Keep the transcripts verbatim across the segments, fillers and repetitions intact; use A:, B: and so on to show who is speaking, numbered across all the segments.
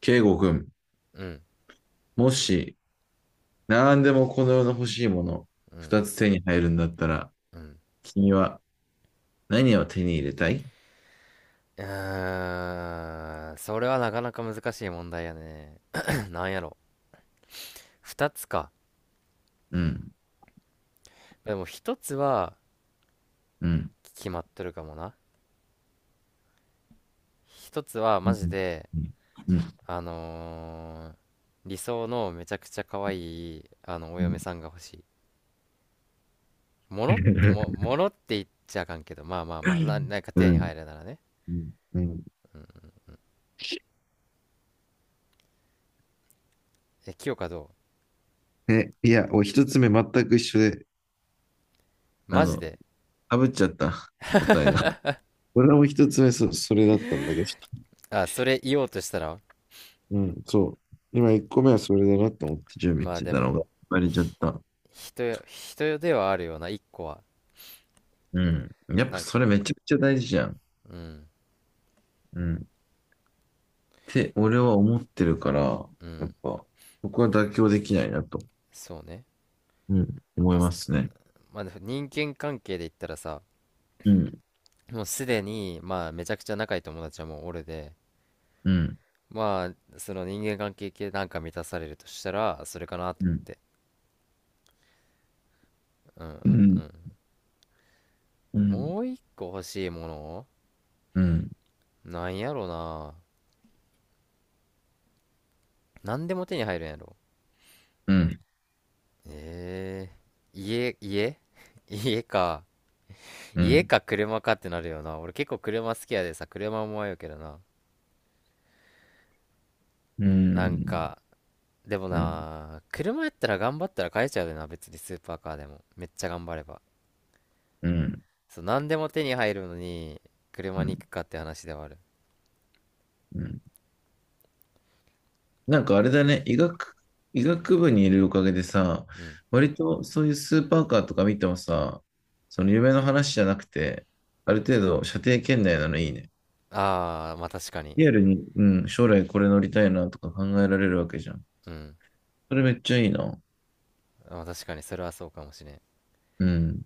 A: 圭吾君、
B: うん、
A: もし、何でもこの世の欲しいもの、
B: うん、
A: 二つ手に入るんだったら、
B: うん。
A: 君は何を手に入れたい？
B: うーん、それはなかなか難しい問題やね。なんやろ。二つか。
A: うん、
B: でも一つは
A: うん、
B: 決まってるかもな。一つは
A: う
B: マ
A: ん、
B: ジで、
A: うん、うん、
B: あのー理想のめちゃくちゃ可愛い、あの、お
A: うん、
B: 嫁さんが欲しい。ものっても、ものって言っちゃあかんけど、まあまあまあ、な、なんか手に入る
A: う
B: ならね。
A: ん、うん。
B: え、清香ど
A: え、いや、お一つ目全く一緒で、
B: う？
A: あ
B: マジ
A: の、
B: で。
A: かぶっちゃった、答えが。俺も一つ目そ、それだったんだけど、
B: あ、それ言おうとしたら、
A: うん、そう。今一個目はそれだなと思って準備
B: まあ
A: して
B: で
A: たの
B: も、
A: が、バレちゃった。
B: 人よ、人よではあるような、一個は。
A: うん。やっぱ
B: なん
A: それめちゃくちゃ大事じゃん。
B: うん、
A: うん。て、俺は思ってるから、
B: う
A: や
B: ん、
A: っぱ、僕は妥協できないなと、
B: そうね。
A: うん、思
B: ま
A: い
B: あ、
A: ま
B: す
A: すね。
B: まあ、でも人間関係で言ったらさ、
A: うん、
B: もうすでに、まあ、めちゃくちゃ仲いい友達はもう俺で、
A: うん、
B: まあ、その人間関係系なんか満たされるとしたら、それかなと
A: う
B: 思っ
A: ん、
B: て。うんう
A: う
B: んう
A: ん、
B: ん。
A: うん、
B: もう一個欲しいもの、
A: うん、
B: なんやろな。なんでも手に入るんやろ。
A: うん、
B: えー家、家 家か。
A: うん、う
B: 家
A: ん、
B: か車かってなるよな。俺結構車好きやでさ、車も迷うけどな。
A: う
B: なん
A: ん、
B: か、でも
A: うん、
B: な、車やったら頑張ったら買えちゃうよな、別にスーパーカーでも。めっちゃ頑張れば。そう、何でも手に入るのに、車
A: う
B: に
A: ん、
B: 行くかって話ではある。
A: うん。なんかあれだね、医学、医学部にいるおかげでさ、
B: うん。
A: 割とそういうスーパーカーとか見てもさ、その夢の話じゃなくて、ある程度射程圏内なのいいね。
B: ああ、まあ確かに。
A: リアルに、うん、将来これ乗りたいなとか考えられるわけじゃん。
B: うん。
A: それめっちゃいいな。
B: まあ確かに、それはそうかもしれん。
A: うん。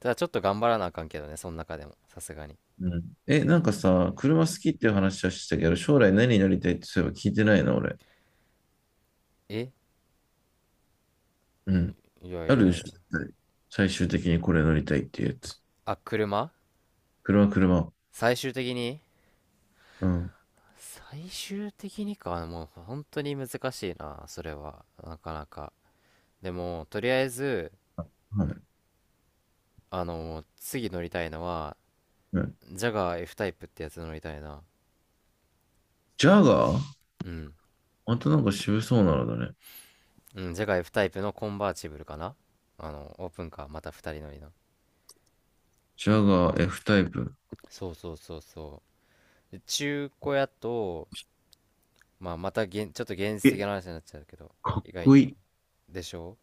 B: ただちょっと頑張らなあかんけどね、その中でも。さすがに。
A: うん。え、なんかさ、車好きっていう話はしてたけど、将来何になりたいってそういえば聞いてないな、俺。
B: え
A: うん。
B: いや
A: あ
B: いやいや。
A: るでしょ、絶対最終的にこれ乗りたいっていうやつ。
B: あ、車。
A: 車、車。
B: 最終的に
A: うん。
B: 最終的にか、もう本当に難しいな、それは。なかなか。でも、とりあえず、
A: はい。
B: あの、次乗りたいのは、
A: うん、
B: ジャガー F タイプってやつ乗りたいな。
A: ジャガー。
B: うん。
A: またなんか渋そうなのだね。
B: うん、ジャガー F タイプのコンバーチブルかな。あの、オープンカー、またふたり乗りの。
A: ジャガー F タイプ。
B: そうそうそうそう。で中古屋と、まあ、またげん、ちょっと現実的
A: え、
B: な話になっちゃうけど、
A: かっ
B: 意外
A: こい
B: と。
A: い。
B: でしょ？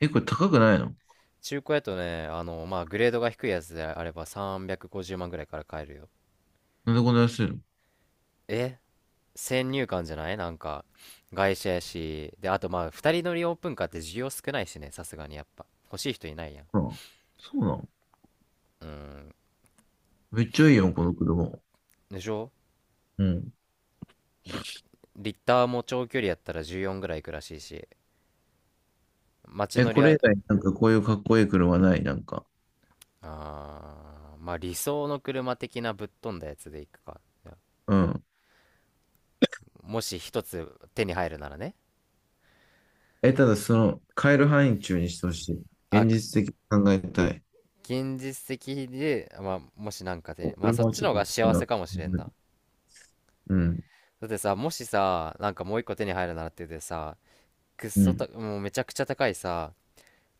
A: え、これ高くないの？
B: 中古屋とね、あの、まあ、グレードが低いやつであればさんびゃくごじゅうまんぐらいから買えるよ。
A: なんでこんな安いの？
B: え、先入観じゃない？なんか、外車やし。で、あとまあ、ふたり乗りオープンカーって需要少ないしね、さすがにやっぱ。欲しい人いないやん。
A: ほら。そうなの？
B: うん。
A: めっちゃいいよ、この車。
B: でしょ？
A: うん。
B: リ、リッターも長距離やったらじゅうよんぐらいいくらしいし、街
A: え、
B: 乗り
A: これ以
B: は、
A: 外なんかこういうかっこいい車ない、なんか？
B: あーまあ理想の車的なぶっ飛んだやつで行くか。
A: うん。
B: もし一つ手に入るならね。
A: え、ただその、買える範囲中にしてほしい。
B: あ、
A: 現実的に考えたい。
B: 現実的で、まあもしなんか手
A: お
B: に、まあそ
A: 車
B: っ
A: は
B: ち
A: ちょ
B: の
A: っ
B: 方
A: と
B: が
A: 見たい
B: 幸
A: な。
B: せかもしれんな。
A: うん、
B: だってさ、もしさ、なんかもう一個手に入るならって言ってさ、くっ
A: う
B: そた、
A: ん、
B: もうめちゃくちゃ高いさ、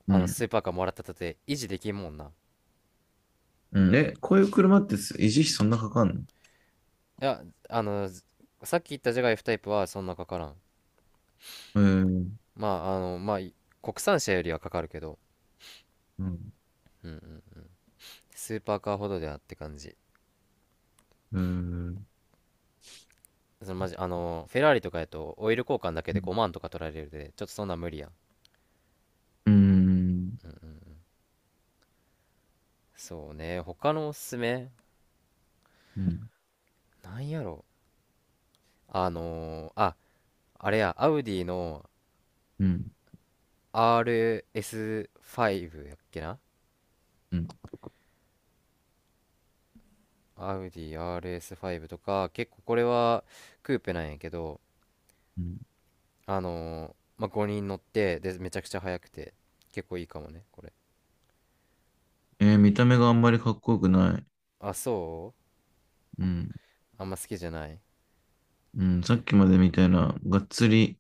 A: う
B: あの
A: ん、
B: スーパーカーもらったとて維持できんもんな。
A: うん。え、こういう車ってす維持費そんなかかんの？
B: いや、あの、さっき言ったジャガイフタイプはそんなかからん。
A: うーん、
B: まああのまあい国産車よりはかかるけど、
A: うん、
B: うんうん、スーパーカーほどではって感じ。
A: うーん、
B: その、マジ、あのフェラーリとかやとオイル交換だけ
A: う
B: で
A: ん、
B: ごまんとか取られるで、ちょっとそんなん無理やん。
A: うん、
B: そうね、他のおすすめ、
A: うん、
B: なんやろ。あのーああれやアウディの
A: うん。
B: アールエスファイブ やっけな。
A: う
B: アウディ アールエスファイブ とか結構これはクーペなんやけど、
A: ん。
B: あのーまあ、ごにん乗ってでめちゃくちゃ速くて結構いいかもね、これ。
A: えー見た目があんまりかっこよくない。
B: あ、そう？
A: うん、
B: あんま好きじゃない。
A: うん。さっきまでみたいな、がっつり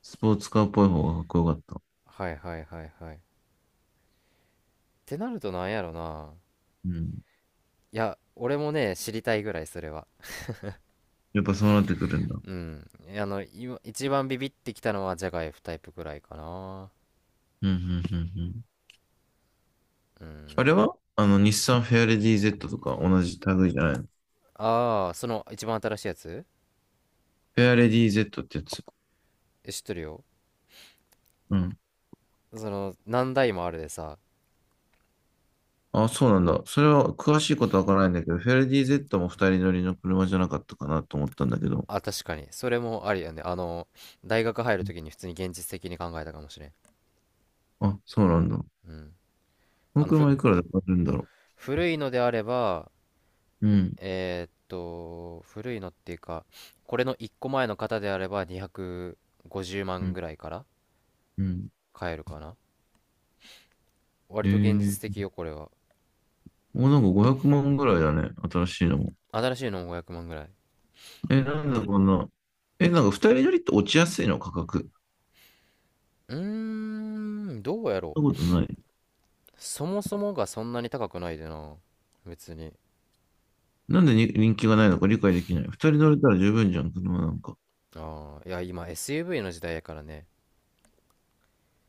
A: スポーツカーっぽい方がかっこよかった。
B: はいはいはいはい、ってなると、なんやろな。
A: うん。
B: いや、俺もね、知りたいぐらい、それは。
A: やっぱそうなってくるんだ。
B: うん。あの今一番ビビってきたのはジャガイフタイプぐらいかな。
A: うん、うん、うん。
B: う
A: あれ
B: ん。
A: はあの、日産フェアレディ Z とか同じ類じゃないの？
B: ああ、ーその一番新しいやつ。
A: フェアレディ Z ってやつ。
B: え、知ってるよ。
A: うん。
B: その何台もあるでさ。
A: あ、そうなんだ。それは詳しいことはわからないんだけど、フェアレディ Z も二人乗りの車じゃなかったかなと思ったんだけど。
B: あ、確かにそれもありやね。あの大学入る時に普通に現実的に考えたかもしれん。
A: あ、そうなんだ。こ
B: うん。あ
A: の
B: のふ
A: 車いくらで買えるんだろ
B: 古いのであれば、
A: う。うん。
B: えーっと、古いのっていうか、これのいっこまえの方であれば250
A: う
B: 万
A: ん。
B: ぐらいから
A: うん。
B: 買えるかな。
A: え
B: 割と現実
A: ー、
B: 的よ、これは。
A: もうなんかごひゃくまんぐらいだね。新しいのも。
B: 新しいのもごひゃくまんぐらい。
A: え、なんだこんな。え、なんか二人乗りって落ちやすいの価格？
B: うーん、どうやろ
A: そんなことない？
B: う。そもそもがそんなに高くないでな。別に。
A: なんでに人気がないのか理解できない。二人乗れたら十分じゃん、車なんか。
B: ああ、いや、今 エスユーブイ の時代やからね。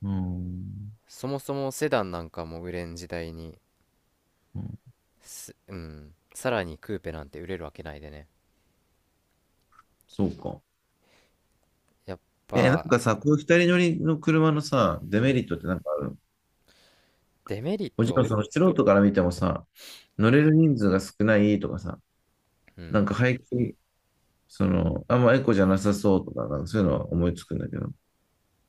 A: うーん。
B: そもそもセダンなんかも売れん時代に、
A: うん、
B: す、うん、さらにクーペなんて売れるわけないでね。
A: そうか。
B: やっ
A: え、なん
B: ぱ、
A: かさ、こういう二人乗りの車のさ、
B: う
A: デメ
B: ん、
A: リットってなんかある？
B: デメリッ
A: もちろん
B: ト？
A: その素人から見てもさ、乗れる人数が少ないとかさ、
B: う
A: な
B: ん。
A: んか排気、その、あんまエコじゃなさそうとか、なんかそういうのは思いつくんだけど。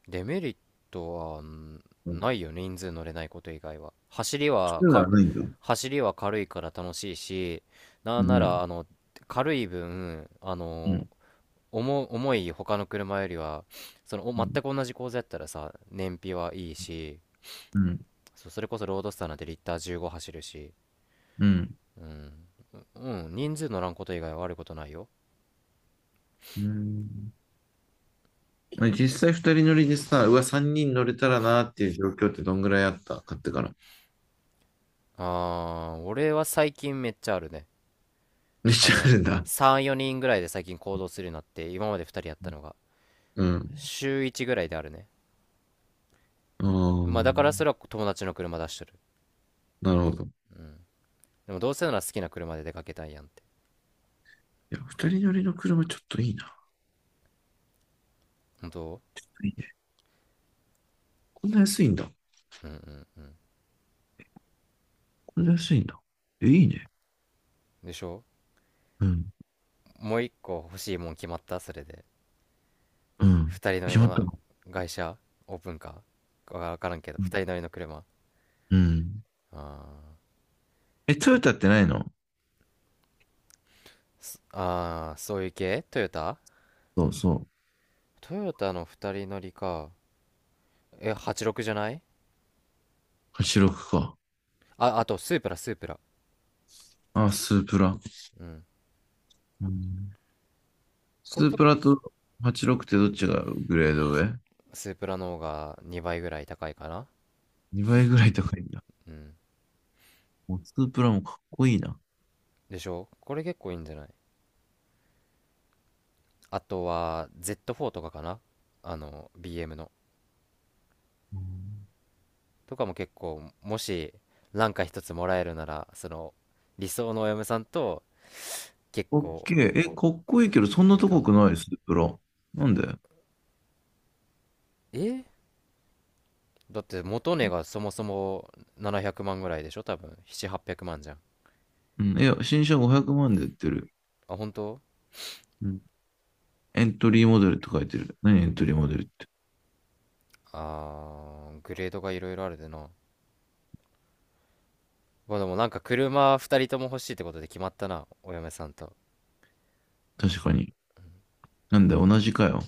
B: デメリットはん
A: うん。
B: ないよね、人数乗れないこと以外は。走り
A: そ
B: は
A: ういうの
B: か、
A: はないんだ。
B: 走りは軽いから楽しいし、な
A: う
B: んなら、
A: ん。
B: あの、軽い分、あ
A: う
B: の、
A: ん。
B: 重、重い他の車よりは、その、お
A: う
B: 全
A: ん。
B: く同じ構造やったらさ、燃費はいいし、
A: うん。
B: そ、それこそロードスターなんてリッターじゅうご走るし、
A: うん、
B: うん、人数乗らんこと以外は悪いことないよ。
A: うん。実際二人乗りでさ、うわ、三人乗れたらなっていう状況ってどんぐらいあった買ってから？
B: あー、俺は最近めっちゃあるね。
A: めっ
B: あ
A: ちゃあ
B: の、
A: るんだ。
B: さん、よにんぐらいで最近行動するようになって、今までふたりやったのが、
A: うん。
B: 週いちぐらいであるね。
A: あ
B: まあだからそ
A: あ、
B: れは友達の車出してる。
A: なるほど。
B: うん。でもどうせなら好きな車で出かけたいやんって。
A: いや、二人乗りの車ちょっといいな。
B: 本当？
A: いいね。こんな安いんだ。
B: うんうんうん。
A: こんな安いんだ。え、いいね。
B: でしょ？
A: うん。
B: もう一個欲しいもん決まった、それで。
A: うん。
B: 二人乗り
A: 決まった
B: の
A: の？
B: 外車、オープンカーわからんけど、
A: うん。
B: 二人乗りの車。
A: うん。
B: あ
A: え、トヨタってないの？
B: ーあー、そういう系。トヨタ？
A: そうそう。
B: トヨタの二人乗りか。え、はちろく、じゅうろくじゃない？
A: はちろくか。
B: あ、あと、スープラ、スープラ。
A: あ、スープラ。
B: うん。
A: うん、
B: こ
A: ス
B: れ
A: ー
B: と
A: プ
B: か、
A: ラとはちろくってどっちがグレード上？
B: スープラの方がにばいぐらい高いかな。
A: に
B: に、
A: 倍ぐらい高いんだ。
B: うん。
A: もうスープラもかっこいいな。
B: でしょ？これ結構いいんじゃない？あとは ゼットフォー とかかな。あの ビーエム の
A: うん、
B: とかも結構、もしなんか一つもらえるならその理想のお嫁さんと、結
A: オッケ
B: 構
A: ー。え、かっこいいけど、そん
B: い
A: な
B: いか
A: 高
B: も。
A: くないスープラ。なんで？
B: え？だって元値がそもそもななひゃくまんぐらいでしょ？多分なな はち ぜろ ぜろまんじゃん。
A: うん。いや、新車ごひゃくまんで売ってる。
B: あ、本当？
A: うん。エントリーモデルって書いてる。何エントリーモデルって？
B: あー、グレードがいろいろあるでな。まあでも、なんか車、ふたりとも欲しいってことで決まったな。お嫁さんと。
A: 確かに。なんだよ、同じかよ。